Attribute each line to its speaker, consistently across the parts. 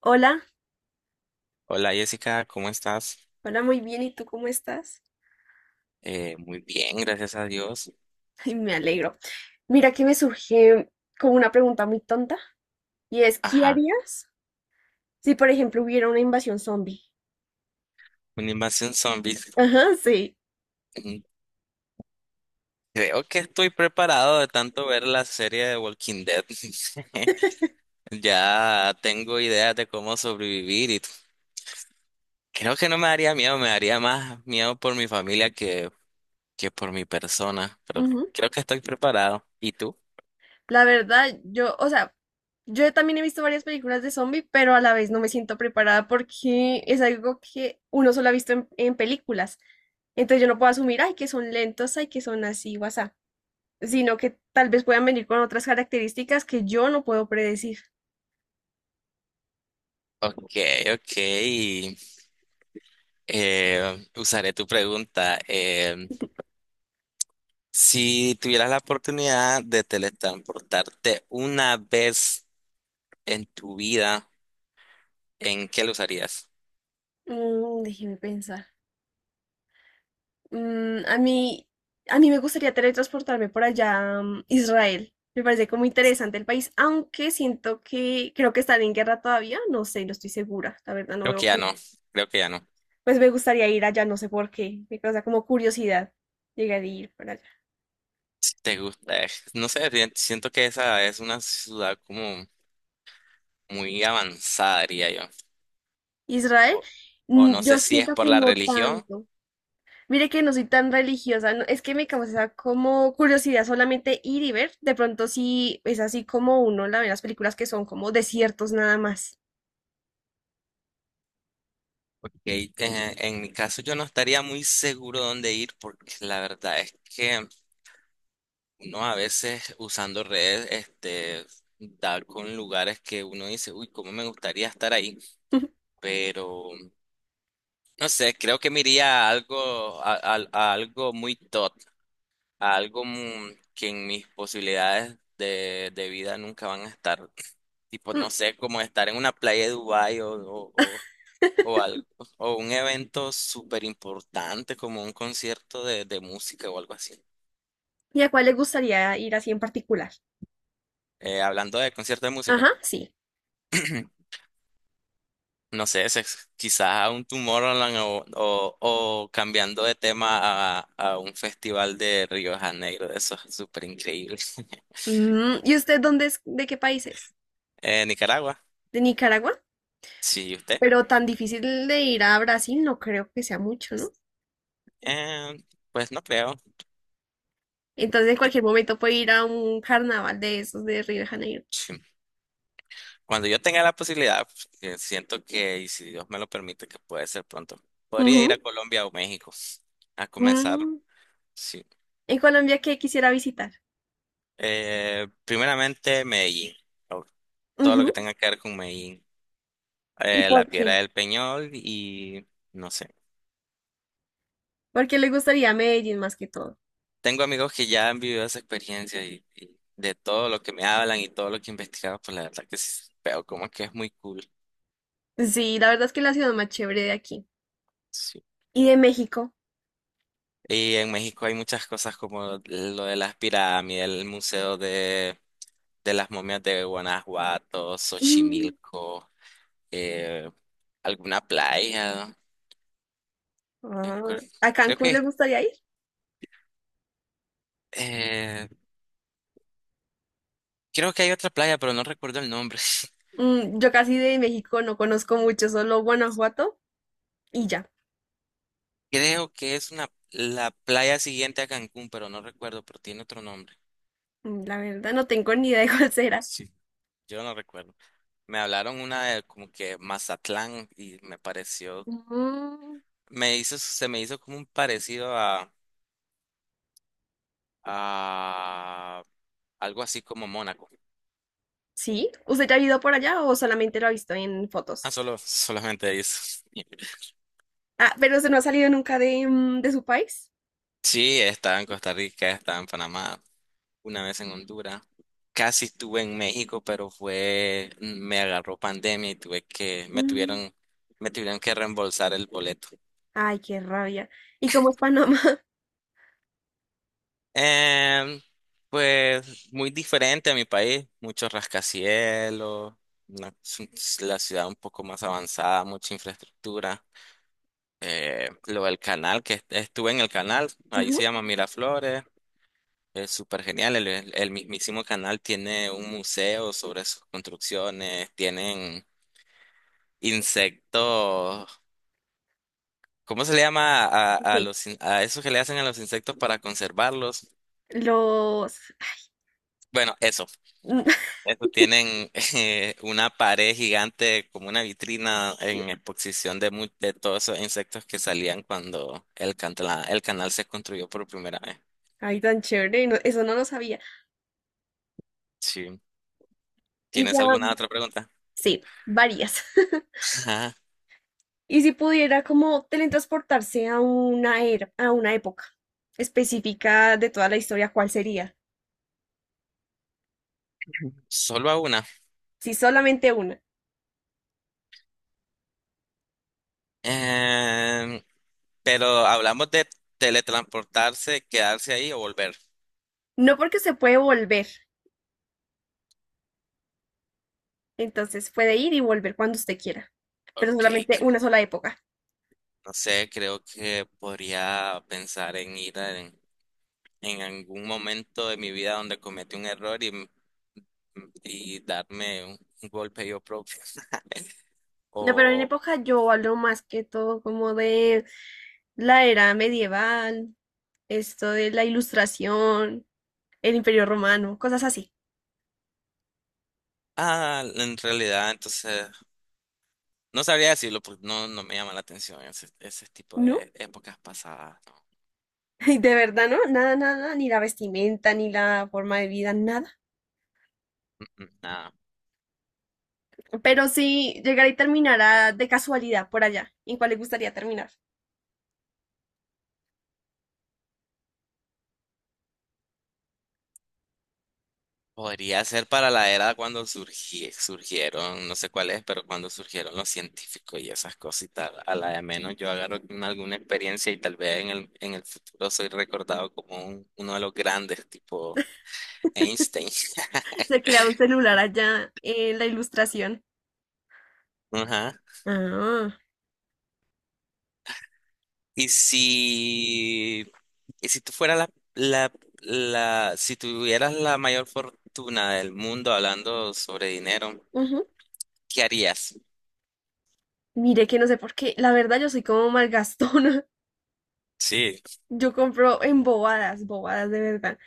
Speaker 1: Hola,
Speaker 2: Hola Jessica, ¿cómo estás?
Speaker 1: hola, muy bien. ¿Y tú cómo estás?
Speaker 2: Muy bien, gracias a Dios.
Speaker 1: Ay, me alegro. Mira que me surge como una pregunta muy tonta y es, ¿qué
Speaker 2: Ajá,
Speaker 1: harías si, por ejemplo, hubiera una invasión zombie?
Speaker 2: una invasión zombies.
Speaker 1: Ajá, sí.
Speaker 2: Mm, Creo que estoy preparado de tanto ver la serie de Walking Dead. Ya tengo ideas de cómo sobrevivir creo que no me daría miedo, me daría más miedo por mi familia que por mi persona, pero
Speaker 1: Ujú.
Speaker 2: creo que estoy preparado. ¿Y tú?
Speaker 1: La verdad, yo, o sea, yo también he visto varias películas de zombie, pero a la vez no me siento preparada porque es algo que uno solo ha visto en películas. Entonces yo no puedo asumir, ay, que son lentos, ay, que son así, guasá, sino que tal vez puedan venir con otras características que yo no puedo predecir.
Speaker 2: Ok, ok. Usaré tu pregunta. Si tuvieras la oportunidad de teletransportarte una vez en tu vida, ¿en qué lo usarías?
Speaker 1: Déjeme pensar. Mm, a mí, a mí me gustaría teletransportarme por allá, Israel. Me parece como interesante el país, aunque siento que creo que están en guerra todavía. No sé, no estoy segura. La verdad, no
Speaker 2: Creo que
Speaker 1: veo.
Speaker 2: ya no, creo que ya no.
Speaker 1: Pues me gustaría ir allá, no sé por qué. Me causa como curiosidad llegar a ir para allá.
Speaker 2: Si te gusta, no sé, siento que esa es una ciudad como muy avanzada, diría yo.
Speaker 1: Israel,
Speaker 2: O, o no sé
Speaker 1: yo
Speaker 2: si es
Speaker 1: siento
Speaker 2: por
Speaker 1: que
Speaker 2: la
Speaker 1: no
Speaker 2: religión,
Speaker 1: tanto. Mire que no soy tan religiosa, es que me causa como curiosidad solamente ir y ver. De pronto sí es así como uno la ve en las películas que son como desiertos nada más.
Speaker 2: porque en mi caso yo no estaría muy seguro dónde ir, porque la verdad es que uno a veces usando redes, este, da con lugares que uno dice, uy, cómo me gustaría estar ahí, pero no sé, creo que me iría a algo, a algo muy top, que en mis posibilidades de vida nunca van a estar, tipo, no
Speaker 1: Mm,
Speaker 2: sé, como estar en una playa de Dubái o- o algo, o un evento súper importante como un concierto de música o algo así.
Speaker 1: ¿y a cuál le gustaría ir así en particular?
Speaker 2: Hablando de concierto de
Speaker 1: Ajá,
Speaker 2: música.
Speaker 1: sí.
Speaker 2: No sé, quizás a un Tomorrowland o cambiando de tema a un festival de Río de Janeiro, eso es súper increíble.
Speaker 1: ¿Y usted dónde es? ¿De qué país es?
Speaker 2: Nicaragua,
Speaker 1: ¿De Nicaragua?
Speaker 2: sí, ¿y usted?
Speaker 1: Pero tan difícil de ir a Brasil no creo que sea mucho, ¿no?
Speaker 2: Eh, pues no creo.
Speaker 1: Entonces, en
Speaker 2: Eh,
Speaker 1: cualquier momento puedo ir a un carnaval de esos de Río de Janeiro.
Speaker 2: sí. Cuando yo tenga la posibilidad, que siento que, y si Dios me lo permite, que puede ser pronto, podría ir a
Speaker 1: Ujú.
Speaker 2: Colombia o México a comenzar,
Speaker 1: Mm,
Speaker 2: sí.
Speaker 1: En Colombia, ¿qué quisiera visitar?
Speaker 2: Primeramente, Medellín, o todo lo que
Speaker 1: Ujú.
Speaker 2: tenga que ver con Medellín.
Speaker 1: ¿Y
Speaker 2: La
Speaker 1: por
Speaker 2: Piedra
Speaker 1: qué?
Speaker 2: del Peñol y... No sé.
Speaker 1: Porque le gustaría Medellín más que todo.
Speaker 2: Tengo amigos que ya han vivido esa experiencia y de todo lo que me hablan y todo lo que he investigado pues la verdad que sí, pero como que es muy cool.
Speaker 1: Sí, la verdad es que es la ciudad más chévere de aquí.
Speaker 2: Sí.
Speaker 1: ¿Y de México?
Speaker 2: Y en México hay muchas cosas como lo de las pirámides, el museo de las momias de Guanajuato,
Speaker 1: Mm,
Speaker 2: Xochimilco, eh, alguna playa, ¿no? Me
Speaker 1: ah,
Speaker 2: acuer-
Speaker 1: ¿a
Speaker 2: Creo
Speaker 1: Cancún
Speaker 2: que
Speaker 1: le gustaría ir?
Speaker 2: eh, creo que hay otra playa, pero no recuerdo el nombre.
Speaker 1: Yo casi de México no conozco mucho, solo Guanajuato y ya.
Speaker 2: Creo que es una la playa siguiente a Cancún, pero no recuerdo, pero tiene otro nombre.
Speaker 1: La verdad no tengo ni idea de cuál será.
Speaker 2: Yo no recuerdo. Me hablaron una de como que Mazatlán y me pareció,
Speaker 1: Mm,
Speaker 2: me hizo, se me hizo como un parecido a algo así como Mónaco.
Speaker 1: ¿Sí? ¿Usted ya ha ido por allá o solamente lo ha visto en fotos?
Speaker 2: Ah, solo, solamente eso.
Speaker 1: Ah, pero usted no ha salido nunca de, de su país.
Speaker 2: Sí, estaba en Costa Rica, estaba en Panamá, una vez en Honduras. Casi estuve en México, pero fue, me agarró pandemia y tuve que,
Speaker 1: Mm,
Speaker 2: me tuvieron que reembolsar el boleto.
Speaker 1: Ay, qué rabia. ¿Y cómo es Panamá?
Speaker 2: Em, pues muy diferente a mi país, muchos rascacielos, es la ciudad un poco más avanzada, mucha infraestructura. Lo del canal, estuve en el canal, ahí se
Speaker 1: Ujú,
Speaker 2: llama Miraflores, es súper genial. El mismísimo canal tiene un museo sobre sus construcciones, tienen insectos. ¿Cómo se le llama a
Speaker 1: sí.
Speaker 2: los, a esos que le hacen a los insectos para conservarlos?
Speaker 1: Los...
Speaker 2: Bueno, eso. Eso tienen, una pared gigante como una vitrina en exposición de, de todos esos insectos que salían cuando el canal se construyó por primera vez.
Speaker 1: Ay, tan chévere, eso no lo sabía.
Speaker 2: Sí.
Speaker 1: Y ya,
Speaker 2: ¿Tienes alguna otra pregunta?
Speaker 1: sí, varias.
Speaker 2: Ajá,
Speaker 1: Y si pudiera como teletransportarse a una era, a una época específica de toda la historia, ¿cuál sería?
Speaker 2: solo a una.
Speaker 1: Si solamente una.
Speaker 2: Em, pero hablamos de teletransportarse, quedarse ahí o volver.
Speaker 1: No porque se puede volver. Entonces puede ir y volver cuando usted quiera, pero
Speaker 2: Ok,
Speaker 1: solamente
Speaker 2: cre-
Speaker 1: una sola época.
Speaker 2: no sé, creo que podría pensar en en algún momento de mi vida donde cometí un error y darme un golpe yo propio.
Speaker 1: No, pero en
Speaker 2: O,
Speaker 1: época yo hablo más que todo como de la era medieval, esto de la ilustración, el imperio romano, cosas así.
Speaker 2: ah, en realidad, entonces, no sabría decirlo porque no, no me llama la atención ese, ese tipo
Speaker 1: ¿No?
Speaker 2: de épocas pasadas, ¿no?
Speaker 1: De verdad, ¿no? Nada, nada, ni la vestimenta, ni la forma de vida, nada.
Speaker 2: Mm, mm, nada.
Speaker 1: Pero sí, llegar y terminar de casualidad por allá. ¿En cuál le gustaría terminar?
Speaker 2: Podría ser para la era cuando surgieron, no sé cuál es, pero cuando surgieron los científicos y esas cositas, a la de menos yo agarro alguna experiencia y tal vez en en el futuro soy recordado como uno de los grandes, tipo Einstein.
Speaker 1: Se crea un celular allá en la ilustración.
Speaker 2: Ajá.
Speaker 1: Ah,
Speaker 2: Y si Y si tú fueras la, la, la, si tuvieras la mayor fortuna del mundo hablando sobre dinero,
Speaker 1: ujú.
Speaker 2: ¿qué harías?
Speaker 1: Mire que no sé por qué. La verdad, yo soy como malgastona.
Speaker 2: Sí.
Speaker 1: Yo compro en bobadas, bobadas de verdad.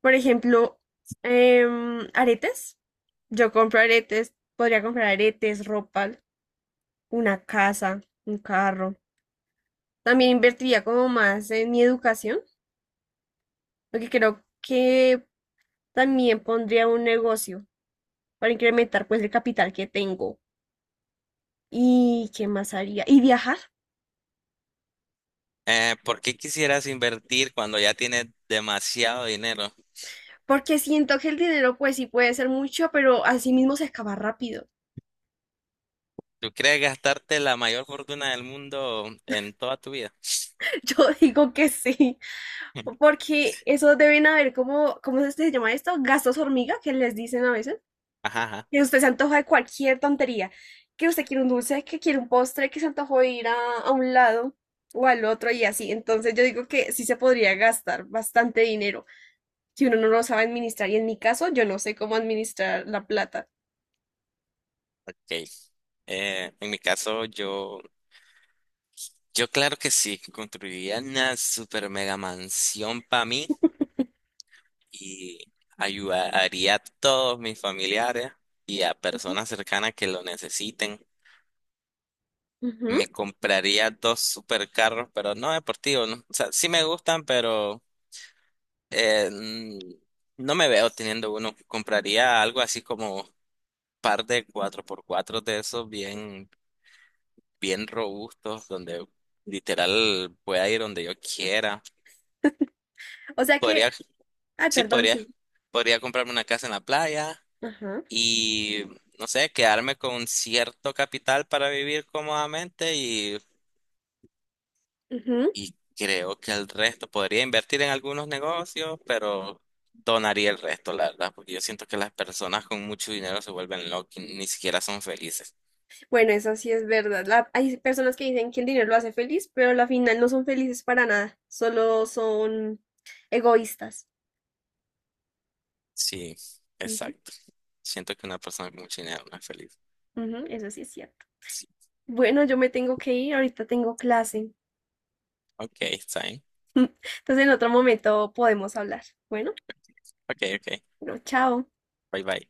Speaker 1: Por ejemplo, aretes. Yo compro aretes. Podría comprar aretes, ropa, una casa, un carro. También invertiría como más en mi educación, porque creo que también pondría un negocio para incrementar pues el capital que tengo. ¿Y qué más haría? ¿Y viajar?
Speaker 2: ¿Por qué quisieras invertir cuando ya tienes demasiado dinero?
Speaker 1: Porque siento que el dinero, pues sí puede ser mucho, pero así mismo se acaba rápido.
Speaker 2: ¿Tú crees gastarte la mayor fortuna del mundo en toda tu vida?
Speaker 1: Yo digo que sí, porque eso deben haber como, ¿cómo es que se llama esto? Gastos hormiga, que les dicen a veces,
Speaker 2: Ajá, ajá.
Speaker 1: que usted se antoja de cualquier tontería, que usted quiere un dulce, que quiere un postre, que se antojó de ir a un lado o al otro y así. Entonces yo digo que sí se podría gastar bastante dinero si uno no lo sabe administrar. Y en mi caso, yo no sé cómo administrar la plata.
Speaker 2: Ok. En mi caso, yo claro que sí, construiría una super mega mansión para mí y ayudaría a todos mis familiares y a
Speaker 1: Ujú,
Speaker 2: personas cercanas que lo necesiten. Me
Speaker 1: ujú.
Speaker 2: compraría dos supercarros, pero no deportivos, ¿no? O sea, sí me gustan, pero no me veo teniendo uno. Compraría algo así como par de cuatro por cuatro de esos bien, bien robustos, donde literal pueda ir donde yo quiera.
Speaker 1: O sea
Speaker 2: Podría,
Speaker 1: que, ay,
Speaker 2: sí,
Speaker 1: perdón,
Speaker 2: podría.
Speaker 1: sí.
Speaker 2: Podría comprarme una casa en la playa
Speaker 1: Ajá.
Speaker 2: y, no sé, quedarme con cierto capital para vivir cómodamente
Speaker 1: Ujú.
Speaker 2: y creo que el resto podría invertir en algunos negocios, pero donaría el resto, la verdad, porque yo siento que las personas con mucho dinero se vuelven locas, y ni siquiera son felices.
Speaker 1: Bueno, eso sí es verdad. Hay personas que dicen que el dinero lo hace feliz, pero a la final no son felices para nada, solo son egoístas.
Speaker 2: Sí,
Speaker 1: Ujú,
Speaker 2: exacto. Siento que una persona con mucho dinero no es feliz.
Speaker 1: ujú, eso sí es cierto.
Speaker 2: Sí.
Speaker 1: Bueno, yo me tengo que ir, ahorita tengo clase.
Speaker 2: Ok, está bien.
Speaker 1: Entonces en otro momento podemos hablar. Bueno,
Speaker 2: Ok, ok.
Speaker 1: bueno, chao.
Speaker 2: Bye bye.